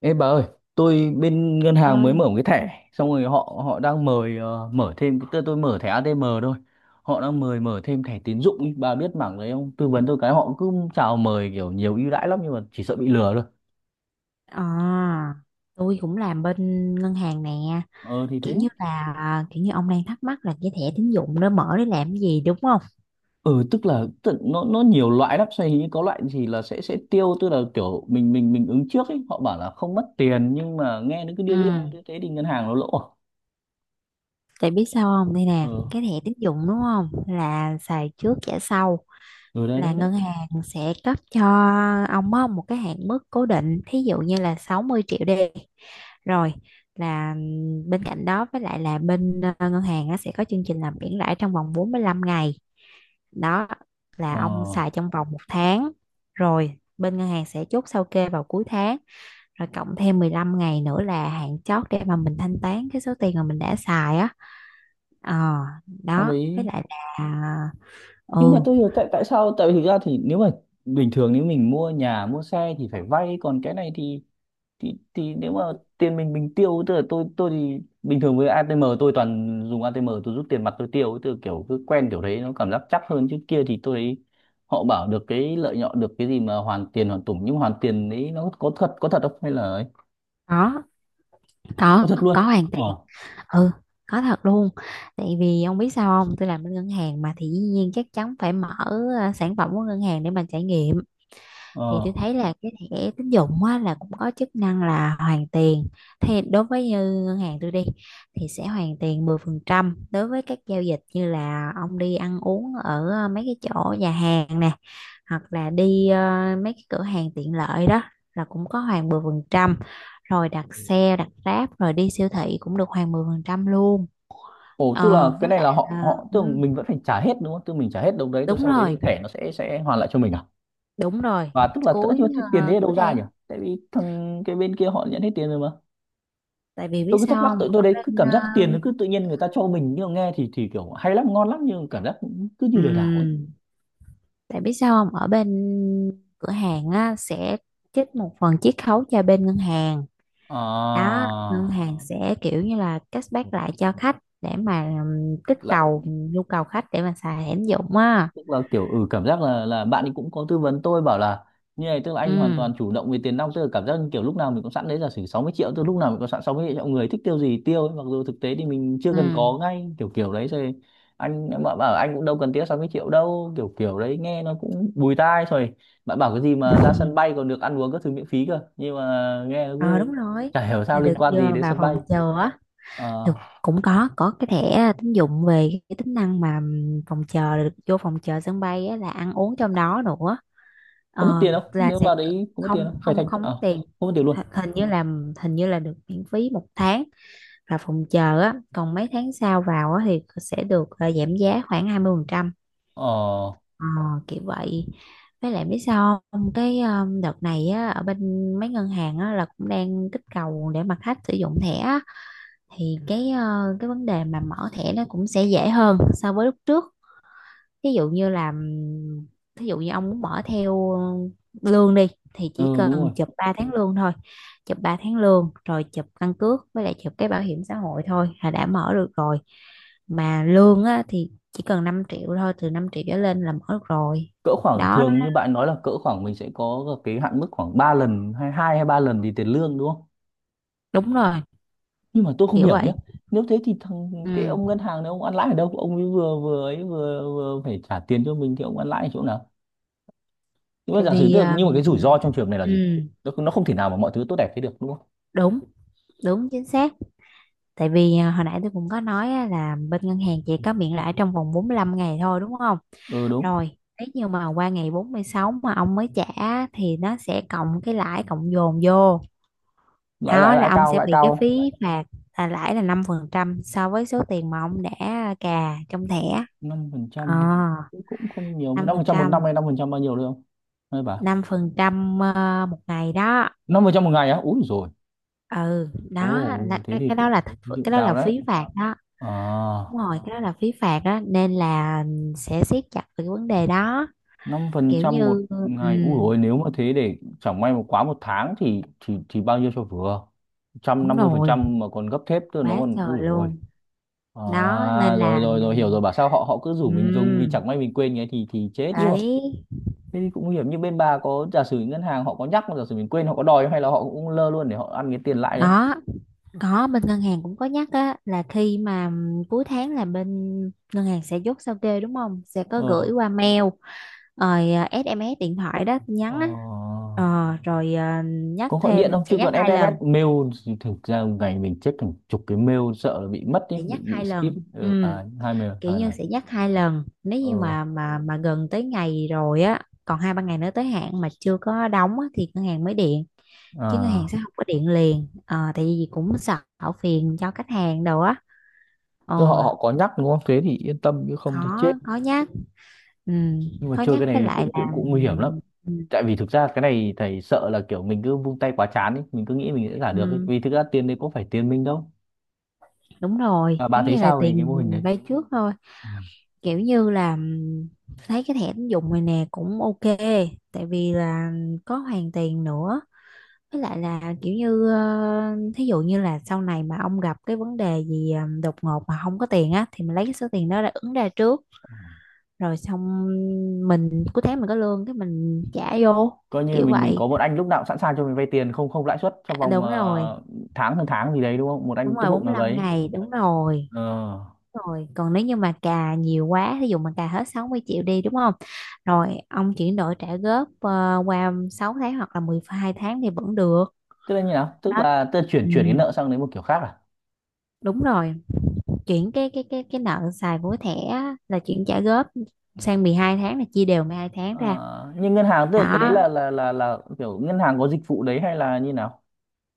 Ê bà ơi, tôi bên ngân hàng mới mở Ơi. một cái thẻ, xong rồi họ họ đang mời mở thêm tôi mở thẻ ATM thôi. Họ đang mời mở thêm thẻ tín dụng ý. Bà biết mảng đấy không? Tư vấn tôi cái họ cứ chào mời kiểu nhiều ưu đãi lắm nhưng mà chỉ sợ bị lừa thôi. ờ tôi cũng làm bên ngân hàng nè. Ờ thì thế. Kiểu như ông đang thắc mắc là cái thẻ tín dụng đó mở để làm cái gì, đúng không? Ừ, nó nhiều loại lắm, xoay hình như có loại gì là sẽ tiêu, tức là kiểu mình ứng trước ấy, họ bảo là không mất tiền nhưng mà nghe nó cứ Ừ, điêu điêu, thế thế thì ngân hàng nó lỗ à? tại biết sao không, đây Ờ. nè cái thẻ tín dụng, đúng không, là xài trước trả sau. Ừ, đấy Là đấy đấy. ngân hàng sẽ cấp cho ông á, một cái hạn mức cố định, thí dụ như là 60 triệu đi. Rồi là bên cạnh đó, với lại là bên ngân hàng á, sẽ có chương trình làm miễn lãi trong vòng 45 ngày. Đó là Ờ, ông xài trong vòng một tháng, rồi bên ngân hàng sẽ chốt sao kê vào cuối tháng, rồi cộng thêm 15 ngày nữa là hạn chót để mà mình thanh toán cái số tiền mà mình đã xài á. ờ xong đó với đấy lại là ờ, nhưng mà ừ, tôi hiểu, tại tại sao, tại vì thực ra thì nếu mà bình thường nếu mình mua nhà mua xe thì phải vay, còn cái này thì thì nếu mà tiền mình tiêu, tức là tôi thì bình thường với ATM tôi toàn dùng ATM, tôi rút tiền mặt tôi tiêu, từ kiểu cứ quen kiểu đấy nó cảm giác chắc hơn, chứ kia thì tôi thấy họ bảo được cái lợi nhuận, được cái gì mà hoàn tiền hoàn tủng, nhưng mà hoàn tiền đấy nó có thật, có thật không hay là ấy? có Có có thật có luôn hoàn tiền. ờ. Ừ, có thật luôn. Tại vì ông biết sao không, tôi làm bên ngân hàng mà, thì dĩ nhiên chắc chắn phải mở sản phẩm của ngân hàng để mà trải nghiệm. Thì tôi Ờ. thấy là cái thẻ tín dụng á, là cũng có chức năng là hoàn tiền. Thì đối với như ngân hàng tôi đi, thì sẽ hoàn tiền 10% đối với các giao dịch như là ông đi ăn uống ở mấy cái chỗ nhà hàng nè, hoặc là đi mấy cái cửa hàng tiện lợi đó là cũng có hoàn 10%. Rồi đặt xe, đặt Grab, rồi đi siêu thị cũng được hoàn 10% luôn. Ồ, tức là cái Với này là lại họ là, họ tức là ừ, mình vẫn phải trả hết đúng không? Tức là mình trả hết đồng đấy rồi đúng sau đấy thì rồi, thẻ nó sẽ hoàn lại cho mình à? đúng rồi. Và tức là tất cuối nhiên cái tiền đấy ở Cuối đâu ra nhỉ? tháng. Tại vì thằng cái bên kia họ nhận hết tiền rồi mà. Tại vì biết Tôi cứ thắc mắc sao tụi không tôi ở đấy cứ bên cảm ờ, giác tiền nó cứ tự nhiên người ta cho mình, nhưng mà nghe thì kiểu hay lắm ngon lắm, nhưng cảm giác cũng cứ như lừa đảo ấy. ừm, Tại biết sao không ở bên cửa hàng á, sẽ trích một phần chiết khấu cho bên ngân hàng. À, Đó, ngân hàng sẽ kiểu như là cashback lại cho khách, để mà kích lại cầu nhu cầu khách để mà xài hẻm dụng á. tức là kiểu ừ, cảm giác là bạn ấy cũng có tư vấn tôi, bảo là như này tức là anh hoàn Ừ, toàn chủ động về tiền nong, tức là cảm giác như kiểu lúc nào mình cũng sẵn đấy, giả sử 60 triệu, tức là lúc nào mình cũng sẵn 60 triệu, người thích tiêu gì tiêu ấy. Mặc dù thực tế thì mình chưa ừ. cần có ngay, kiểu kiểu đấy rồi anh em bạn bảo anh cũng đâu cần tiêu 60 triệu đâu, kiểu kiểu đấy nghe nó cũng bùi tai rồi. Bạn bảo cái gì mà ra sân bay còn được ăn uống các thứ miễn phí cơ, nhưng mà nghe nó Ờ, cứ đúng rồi, chả hiểu sao là liên được, quan gì đến vào sân bay. phòng chờ á. Ờ, Thực cũng có cái thẻ tín dụng về cái tính năng mà phòng chờ, được vô phòng chờ sân bay á, là ăn uống trong đó nữa. có mất Ờ, tiền không, là nếu sẽ... vào đấy có mất tiền không, không phải không, thanh không mất tiền. không mất tiền luôn? Hình như là, hình như là được miễn phí một tháng. Và phòng chờ á, còn mấy tháng sau vào á, thì sẽ được giảm giá khoảng 20%. Ờ. Ờ, kiểu vậy. Với lại biết sao không, cái đợt này á, ở bên mấy ngân hàng á, là cũng đang kích cầu để mà khách sử dụng thẻ. Thì cái vấn đề mà mở thẻ nó cũng sẽ dễ hơn so với lúc trước. Ví dụ như là thí dụ như ông muốn mở theo lương đi, thì chỉ Ừ đúng cần rồi, chụp 3 tháng lương thôi. Chụp 3 tháng lương, rồi chụp căn cước, với lại chụp cái bảo hiểm xã hội thôi là đã mở được rồi. Mà lương á, thì chỉ cần 5 triệu thôi, từ 5 triệu trở lên là mở được rồi. cỡ khoảng, đó nó- thường như bạn nói là cỡ khoảng mình sẽ có cái hạn mức khoảng 3 lần, hay hai hay ba lần thì tiền lương đúng không? Đúng rồi. Nhưng mà tôi không Kiểu hiểu vậy. nhé, nếu thế thì thằng cái Ừ. ông ngân hàng này ông ăn lãi ở đâu, ông ấy vừa phải trả tiền cho mình thì ông ăn lãi ở chỗ nào? Nhưng mà Tại giả sử vì tức là- nhưng mà cái ừ, rủi ro trong trường này là gì? ừ, Nó không thể nào mà mọi thứ tốt đẹp thế được đúng không? đúng, đúng, chính xác. Tại vì hồi nãy tôi cũng có nói á, là bên ngân hàng chỉ có miễn lãi trong vòng 45 ngày thôi, đúng không? Ừ đúng. Rồi, nếu như mà qua ngày 46 mà ông mới trả, thì nó sẽ cộng cái lãi cộng dồn vô. lãi lãi Đó là lãi ông cao, sẽ lãi bị cái cao. phí phạt, là lãi là 5% so với số tiền mà ông đã cà trong thẻ. Năm phần Ờ, trăm cũng không nhiều, năm năm phần phần trăm một năm trăm hay năm phần trăm, bao nhiêu được không hay bà? 5% một ngày đó. Năm phần trăm một ngày á, úi rồi. Ừ, đó Ồ là thế thì cũng, thế thì cũng cái đó cao là đấy. phí phạt đó. À, Đúng rồi, cái đó là phí phạt đó nên là sẽ siết chặt về cái vấn đề đó. năm phần Kiểu trăm một như, ừ, ngày. Ui dồi, ôi, nếu mà thế để chẳng may mà quá một tháng thì thì bao nhiêu cho vừa? Trăm đúng năm mươi phần rồi. trăm mà còn gấp thép cơ, nó Quá còn ui trời dồi ôi. luôn. Đó À, nên rồi là, rồi rồi hiểu rồi, bảo sao họ họ cứ rủ ừ, mình dùng, vì chẳng may mình quên cái thì chết, nhưng mà đấy. thế thì cũng nguy hiểm. Như bên bà có giả sử ngân hàng họ có nhắc, mà giả sử mình quên họ có đòi không? Hay là họ cũng lơ luôn để họ ăn cái tiền lãi đấy. Đó, có, bên ngân hàng cũng có nhắc á, là khi mà cuối tháng là bên ngân hàng sẽ chốt sao kê, đúng không, sẽ có Ờ. gửi qua mail, rồi SMS điện thoại đó, tin Ờ. nhắn á. Ờ, rồi nhắc Có gọi điện thêm, không, sẽ chứ nhắc còn hai SMS lần mail thì thực ra một ngày mình check hàng chục cái mail, sợ là bị mất ý, sẽ nhắc bị hai skip. lần Ừ, ừ, à, hai mail kiểu hai như lần. sẽ nhắc hai lần. Nếu như Ừ, mà gần tới ngày rồi á, còn hai ba ngày nữa tới hạn mà chưa có đóng á, thì ngân hàng mới điện. Chứ ngân hàng à, sẽ không có điện liền. Ờ, tại vì cũng sợ phiền cho khách hàng đồ á. tức họ Ồ, họ có nhắc đúng không, thế thì yên tâm chứ khó không thì chết. khó nhắc, ừ, Nhưng mà khó chơi nhắc. cái Với này lại cũng là, cũng cũng nguy hiểm lắm, ừ, tại vì thực ra cái này thầy sợ là kiểu mình cứ vung tay quá chán ý, mình cứ nghĩ mình sẽ giả được ấy, ừ, vì thực ra tiền đấy có phải tiền mình đâu. đúng Và rồi, bà giống thấy như là sao về tiền cái mô hình đấy? mình vay trước thôi. Ừ. Kiểu như là, thấy cái thẻ tín dụng này nè cũng ok. Tại vì là có hoàn tiền nữa. Với lại là kiểu như thí dụ như là sau này mà ông gặp cái vấn đề gì đột ngột mà không có tiền á, thì mình lấy cái số tiền đó ra ứng ra trước, rồi xong, mình cuối tháng mình có lương, cái mình trả vô, Coi như kiểu mình vậy. có một anh lúc nào cũng sẵn sàng cho mình vay tiền không không lãi suất trong vòng Đúng rồi, tháng hơn tháng gì đấy đúng không, một đúng anh tốt rồi, bụng bốn mươi nào lăm đấy. ngày đúng rồi. Ờ, Đúng rồi. Còn nếu như mà cà nhiều quá, thí dụ mà cà hết 60 triệu đi đúng không, rồi ông chuyển đổi trả góp qua 6 tháng hoặc là 12 tháng thì vẫn được. tức là như nào, tức Đó, là tôi chuyển ừ, chuyển cái nợ sang đến một kiểu khác à? đúng rồi. Chuyển cái nợ xài vối thẻ á, là chuyển trả góp sang 12 tháng, là chia đều 12 tháng ra. Ờ, nhưng ngân hàng tức là cái đấy Đó, là là kiểu ngân hàng có dịch vụ đấy hay là như nào?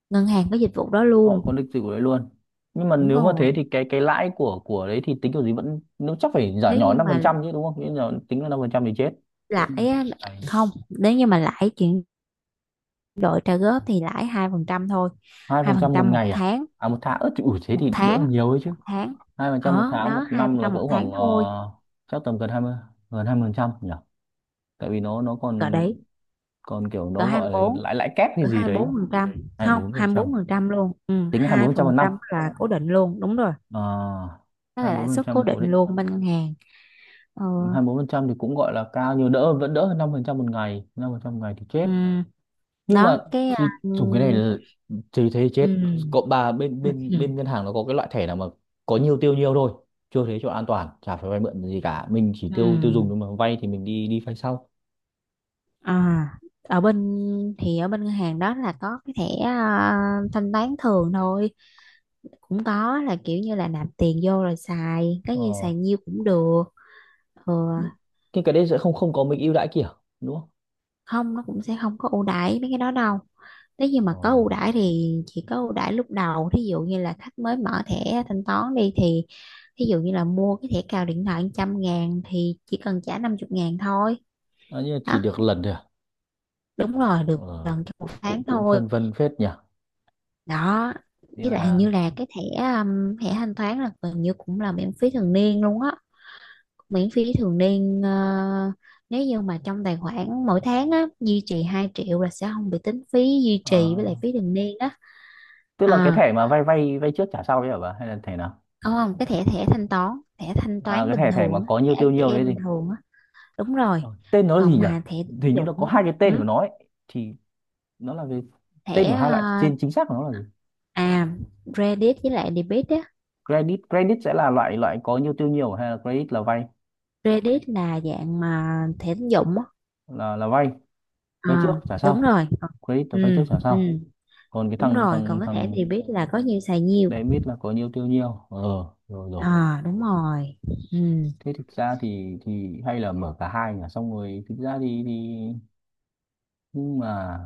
ngân hàng có dịch vụ đó Họ luôn. có dịch dịch vụ đấy luôn. Nhưng mà Đúng nếu mà rồi. thế thì cái lãi của đấy thì tính kiểu gì, vẫn nếu chắc phải giả Nếu nhỏ như năm phần mà trăm chứ đúng không? Nếu nhỏ tính là năm phần trăm thì chết. Ừ. lãi á, Này, không, nếu như mà lãi chuyển đổi trả góp thì lãi 2% thôi. hai Hai phần phần trăm một trăm một ngày à? tháng. À một tháng, ớt thì ủi, thế một thì đỡ tháng nhiều ấy chứ. một tháng Hai phần trăm một Ở tháng, đó một hai phần năm là trăm một cỡ tháng khoảng thôi. chắc tầm gần hai mươi, gần hai mươi phần trăm nhỉ. Tại vì nó Cỡ còn, đấy. còn kiểu cỡ nó hai gọi là bốn lãi lãi kép hay Cỡ gì hai đấy. bốn phần trăm Hai mươi Không, bốn phần hai trăm, bốn phần trăm luôn. Ừ, tính hai mươi 2 bốn phần trăm một phần năm. trăm là cố định luôn, đúng rồi. Ờ, Đó hai là mươi lãi bốn phần suất cố trăm cố định định. luôn bên ngân hàng. Ờ. Hai mươi bốn phần trăm thì cũng gọi là cao, nhưng đỡ, vẫn đỡ hơn 5% một ngày. 5% một ngày thì chết. Ừ. Nhưng mà Đó. Cái thì ừ, dùng cái này là- thì thế chết. ừ, Cộng bà, bên bên ừ, bên ngân hàng nó có cái loại thẻ nào mà có nhiều tiêu nhiều thôi, chưa thế cho an toàn, chả phải vay mượn gì cả, mình chỉ ừ. tiêu tiêu dùng, nhưng mà vay thì mình đi đi vay sau. Ở bên, thì ở bên ngân hàng đó là có cái thẻ thanh toán thường thôi, cũng có, là kiểu như là nạp tiền vô rồi xài, cái như Ờ, xài nhiêu cũng được. Ừ, nhưng cái đấy sẽ không không có mấy ưu đãi kiểu, đúng không? không, nó cũng sẽ không có ưu đãi mấy cái đó đâu. Nếu như mà có ưu đãi thì chỉ có ưu đãi lúc đầu, thí dụ như là khách mới mở thẻ thanh toán đi, thì thí dụ như là mua cái thẻ cào điện thoại 100.000 thì chỉ cần trả 50 ngàn thôi. Ờ, à, nhưng mà chỉ Đó. được lần thôi à? Đúng rồi, được Ờ, gần trong một cũng cũng tháng cũng thôi. phân vân phết nhỉ. Đó, Thế với lại hình là, như là cái thẻ, thẻ thanh toán là gần như cũng là miễn phí thường niên luôn á. Miễn phí thường niên. Ờ, Nếu như mà trong tài khoản mỗi tháng á duy trì 2 triệu là sẽ không bị tính phí duy trì với lại à, phí thường niên á. tức là cái À, thẻ mà vay vay vay trước trả sau đấy hả bà, hay là thẻ nào, không, không, cái thẻ thẻ thanh toán. Thẻ thanh à, toán cái bình thẻ thẻ mà thường á, có nhiều thẻ tiêu nhiều đấy ATM bình gì. thường á. Đúng rồi. Ờ, tên nó là gì Còn nhỉ, mà thẻ tín hình như dụng nó có á, hai cái tên của ừ, nó ấy, thì nó là về thẻ tên của hai loại trên, chính xác của nó là gì? à credit với lại debit á. Credit, credit sẽ là loại, loại có nhiều tiêu nhiều hay là credit là vay, Credit là dạng mà thẻ tín dụng á. là vay vay trước À, trả đúng sau? rồi. Còn... Credit là vay trước ừ, trả ừ, sau, còn cái đúng thằng rồi. Còn thằng cái thẻ thằng debit là có nhiêu xài nhiêu. debit là có nhiều tiêu nhiều ờ, rồi rồi. À, đúng rồi. Ừ, Thế thực ra thì hay là mở cả hai nhỉ, xong rồi thực ra thì, nhưng mà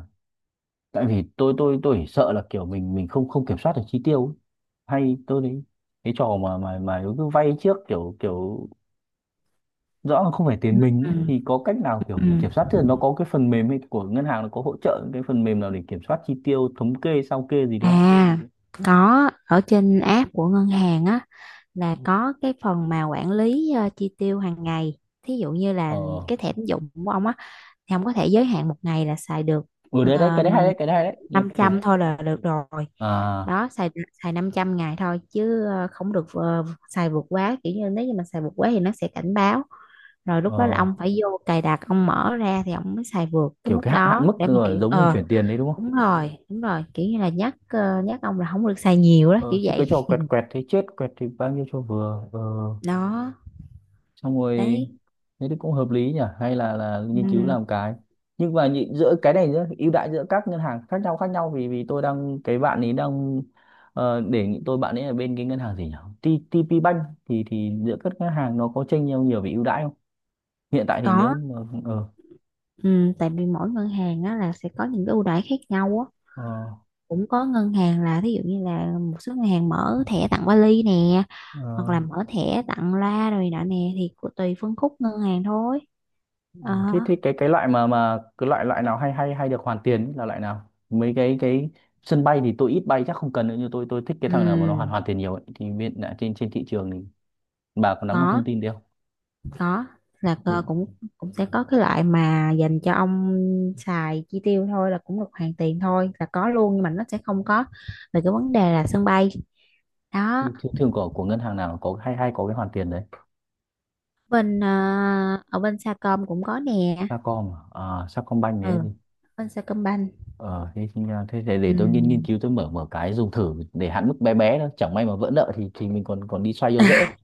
tại vì tôi tôi chỉ sợ là kiểu mình không không kiểm soát được chi tiêu ấy. Hay tôi đấy, cái trò mà mà cứ vay trước kiểu kiểu rõ là không phải tiền mình ấy. ừ, Thì có cách nào kiểu ừ. mình kiểm soát tiền, nó có cái phần mềm hay của ngân hàng nó có hỗ trợ những cái phần mềm nào để kiểm soát chi tiêu, thống kê sao kê gì đấy không? À, có, ở trên app của ngân hàng á, là có cái phần mà quản lý chi tiêu hàng ngày. Thí dụ như Ờ. là cái thẻ tín dụng của ông á, thì ông có thể giới hạn một ngày là xài được Ừ đấy đấy, cái ờ, đấy hay đấy, cái đấy hay đấy. Nhưng năm từ, trăm thôi là được rồi. à, Đó, xài xài 500 ngày thôi. Chứ không được, xài vượt quá. Kiểu như nếu như mà xài vượt quá thì nó sẽ cảnh báo, rồi lúc đó là ờ, ông phải vô cài đặt, ông mở ra thì ông mới xài vượt cái kiểu mức cái hạn hạn đó, mức để mà kiểu rồi, giống mình ờ... chuyển tiền đấy đúng không? Đúng rồi, đúng rồi, kiểu như là nhắc, nhắc ông là không được xài nhiều đó, Ờ kiểu chứ vậy. cái trò quẹt quẹt thế chết, quẹt thì bao nhiêu cho vừa, ờ. Đó. Xong rồi, Đấy. thế thì cũng hợp lý nhỉ, hay là nghiên cứu Ừ, làm cái, nhưng mà nhị- giữa cái này giữa ưu đãi giữa các ngân hàng khác nhau, khác nhau vì vì tôi đang cái bạn ấy đang đề nghị tôi, bạn ấy ở bên cái ngân hàng gì nhỉ, T- TP Bank, thì giữa các ngân hàng nó có chênh nhau nhiều về ưu đãi không? Hiện tại thì có. nếu mà ờ, Ừ, tại vì mỗi ngân hàng á, là sẽ có những cái ưu đãi khác nhau á. ờ, Cũng có ngân hàng là, thí dụ như là, một số ngân hàng mở thẻ tặng vali nè, hoặc là ờ, mở thẻ tặng loa rồi nọ nè, thì tùy phân khúc ngân hàng thôi. ờ, Ờ. thế thế cái loại mà cái loại, loại nào hay hay hay được hoàn tiền ấy, là loại nào mấy cái sân bay thì tôi ít bay chắc không cần nữa, nhưng tôi thích cái thằng nào mà nó hoàn Ừm, hoàn tiền nhiều ấy. Thì hiện tại trên trên thị trường bà có nắm được có, thông tin đấy không? có. Là cơ thường, cũng cũng sẽ có cái loại mà dành cho ông xài chi tiêu thôi là cũng được hoàn tiền thôi, là có luôn, nhưng mà nó sẽ không có về cái vấn đề là sân bay. Đó. Thường của ngân hàng nào có hay hay có cái hoàn tiền đấy? bên ờ, Ở bên Sacom cũng có nè. Sacom à, Sacombank đấy Ừ, gì? bên Sacombank. Ờ thế, thì- à, thế Ừ. để tôi nghiên nghiên cứu tôi mở, mở cái dùng thử để hạn mức bé bé thôi, chẳng may mà vỡ nợ thì mình còn còn đi xoay vô dễ,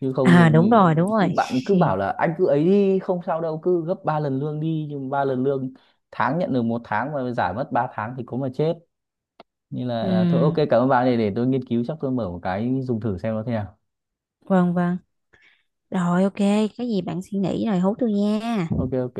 chứ À, không đúng rồi, đúng thì- cứ- rồi. bạn ấy cứ bảo là anh cứ ấy đi không sao đâu, cứ gấp 3 lần lương đi, nhưng ba lần lương tháng nhận được một tháng mà giải mất 3 tháng thì có mà chết, nên Ừ, là thôi ok cảm ơn bạn, để tôi nghiên cứu chắc tôi mở một cái dùng thử xem nó thế nào. vâng, vâng. Rồi ok, cái gì bạn suy nghĩ rồi hú tôi nha. Ok ok.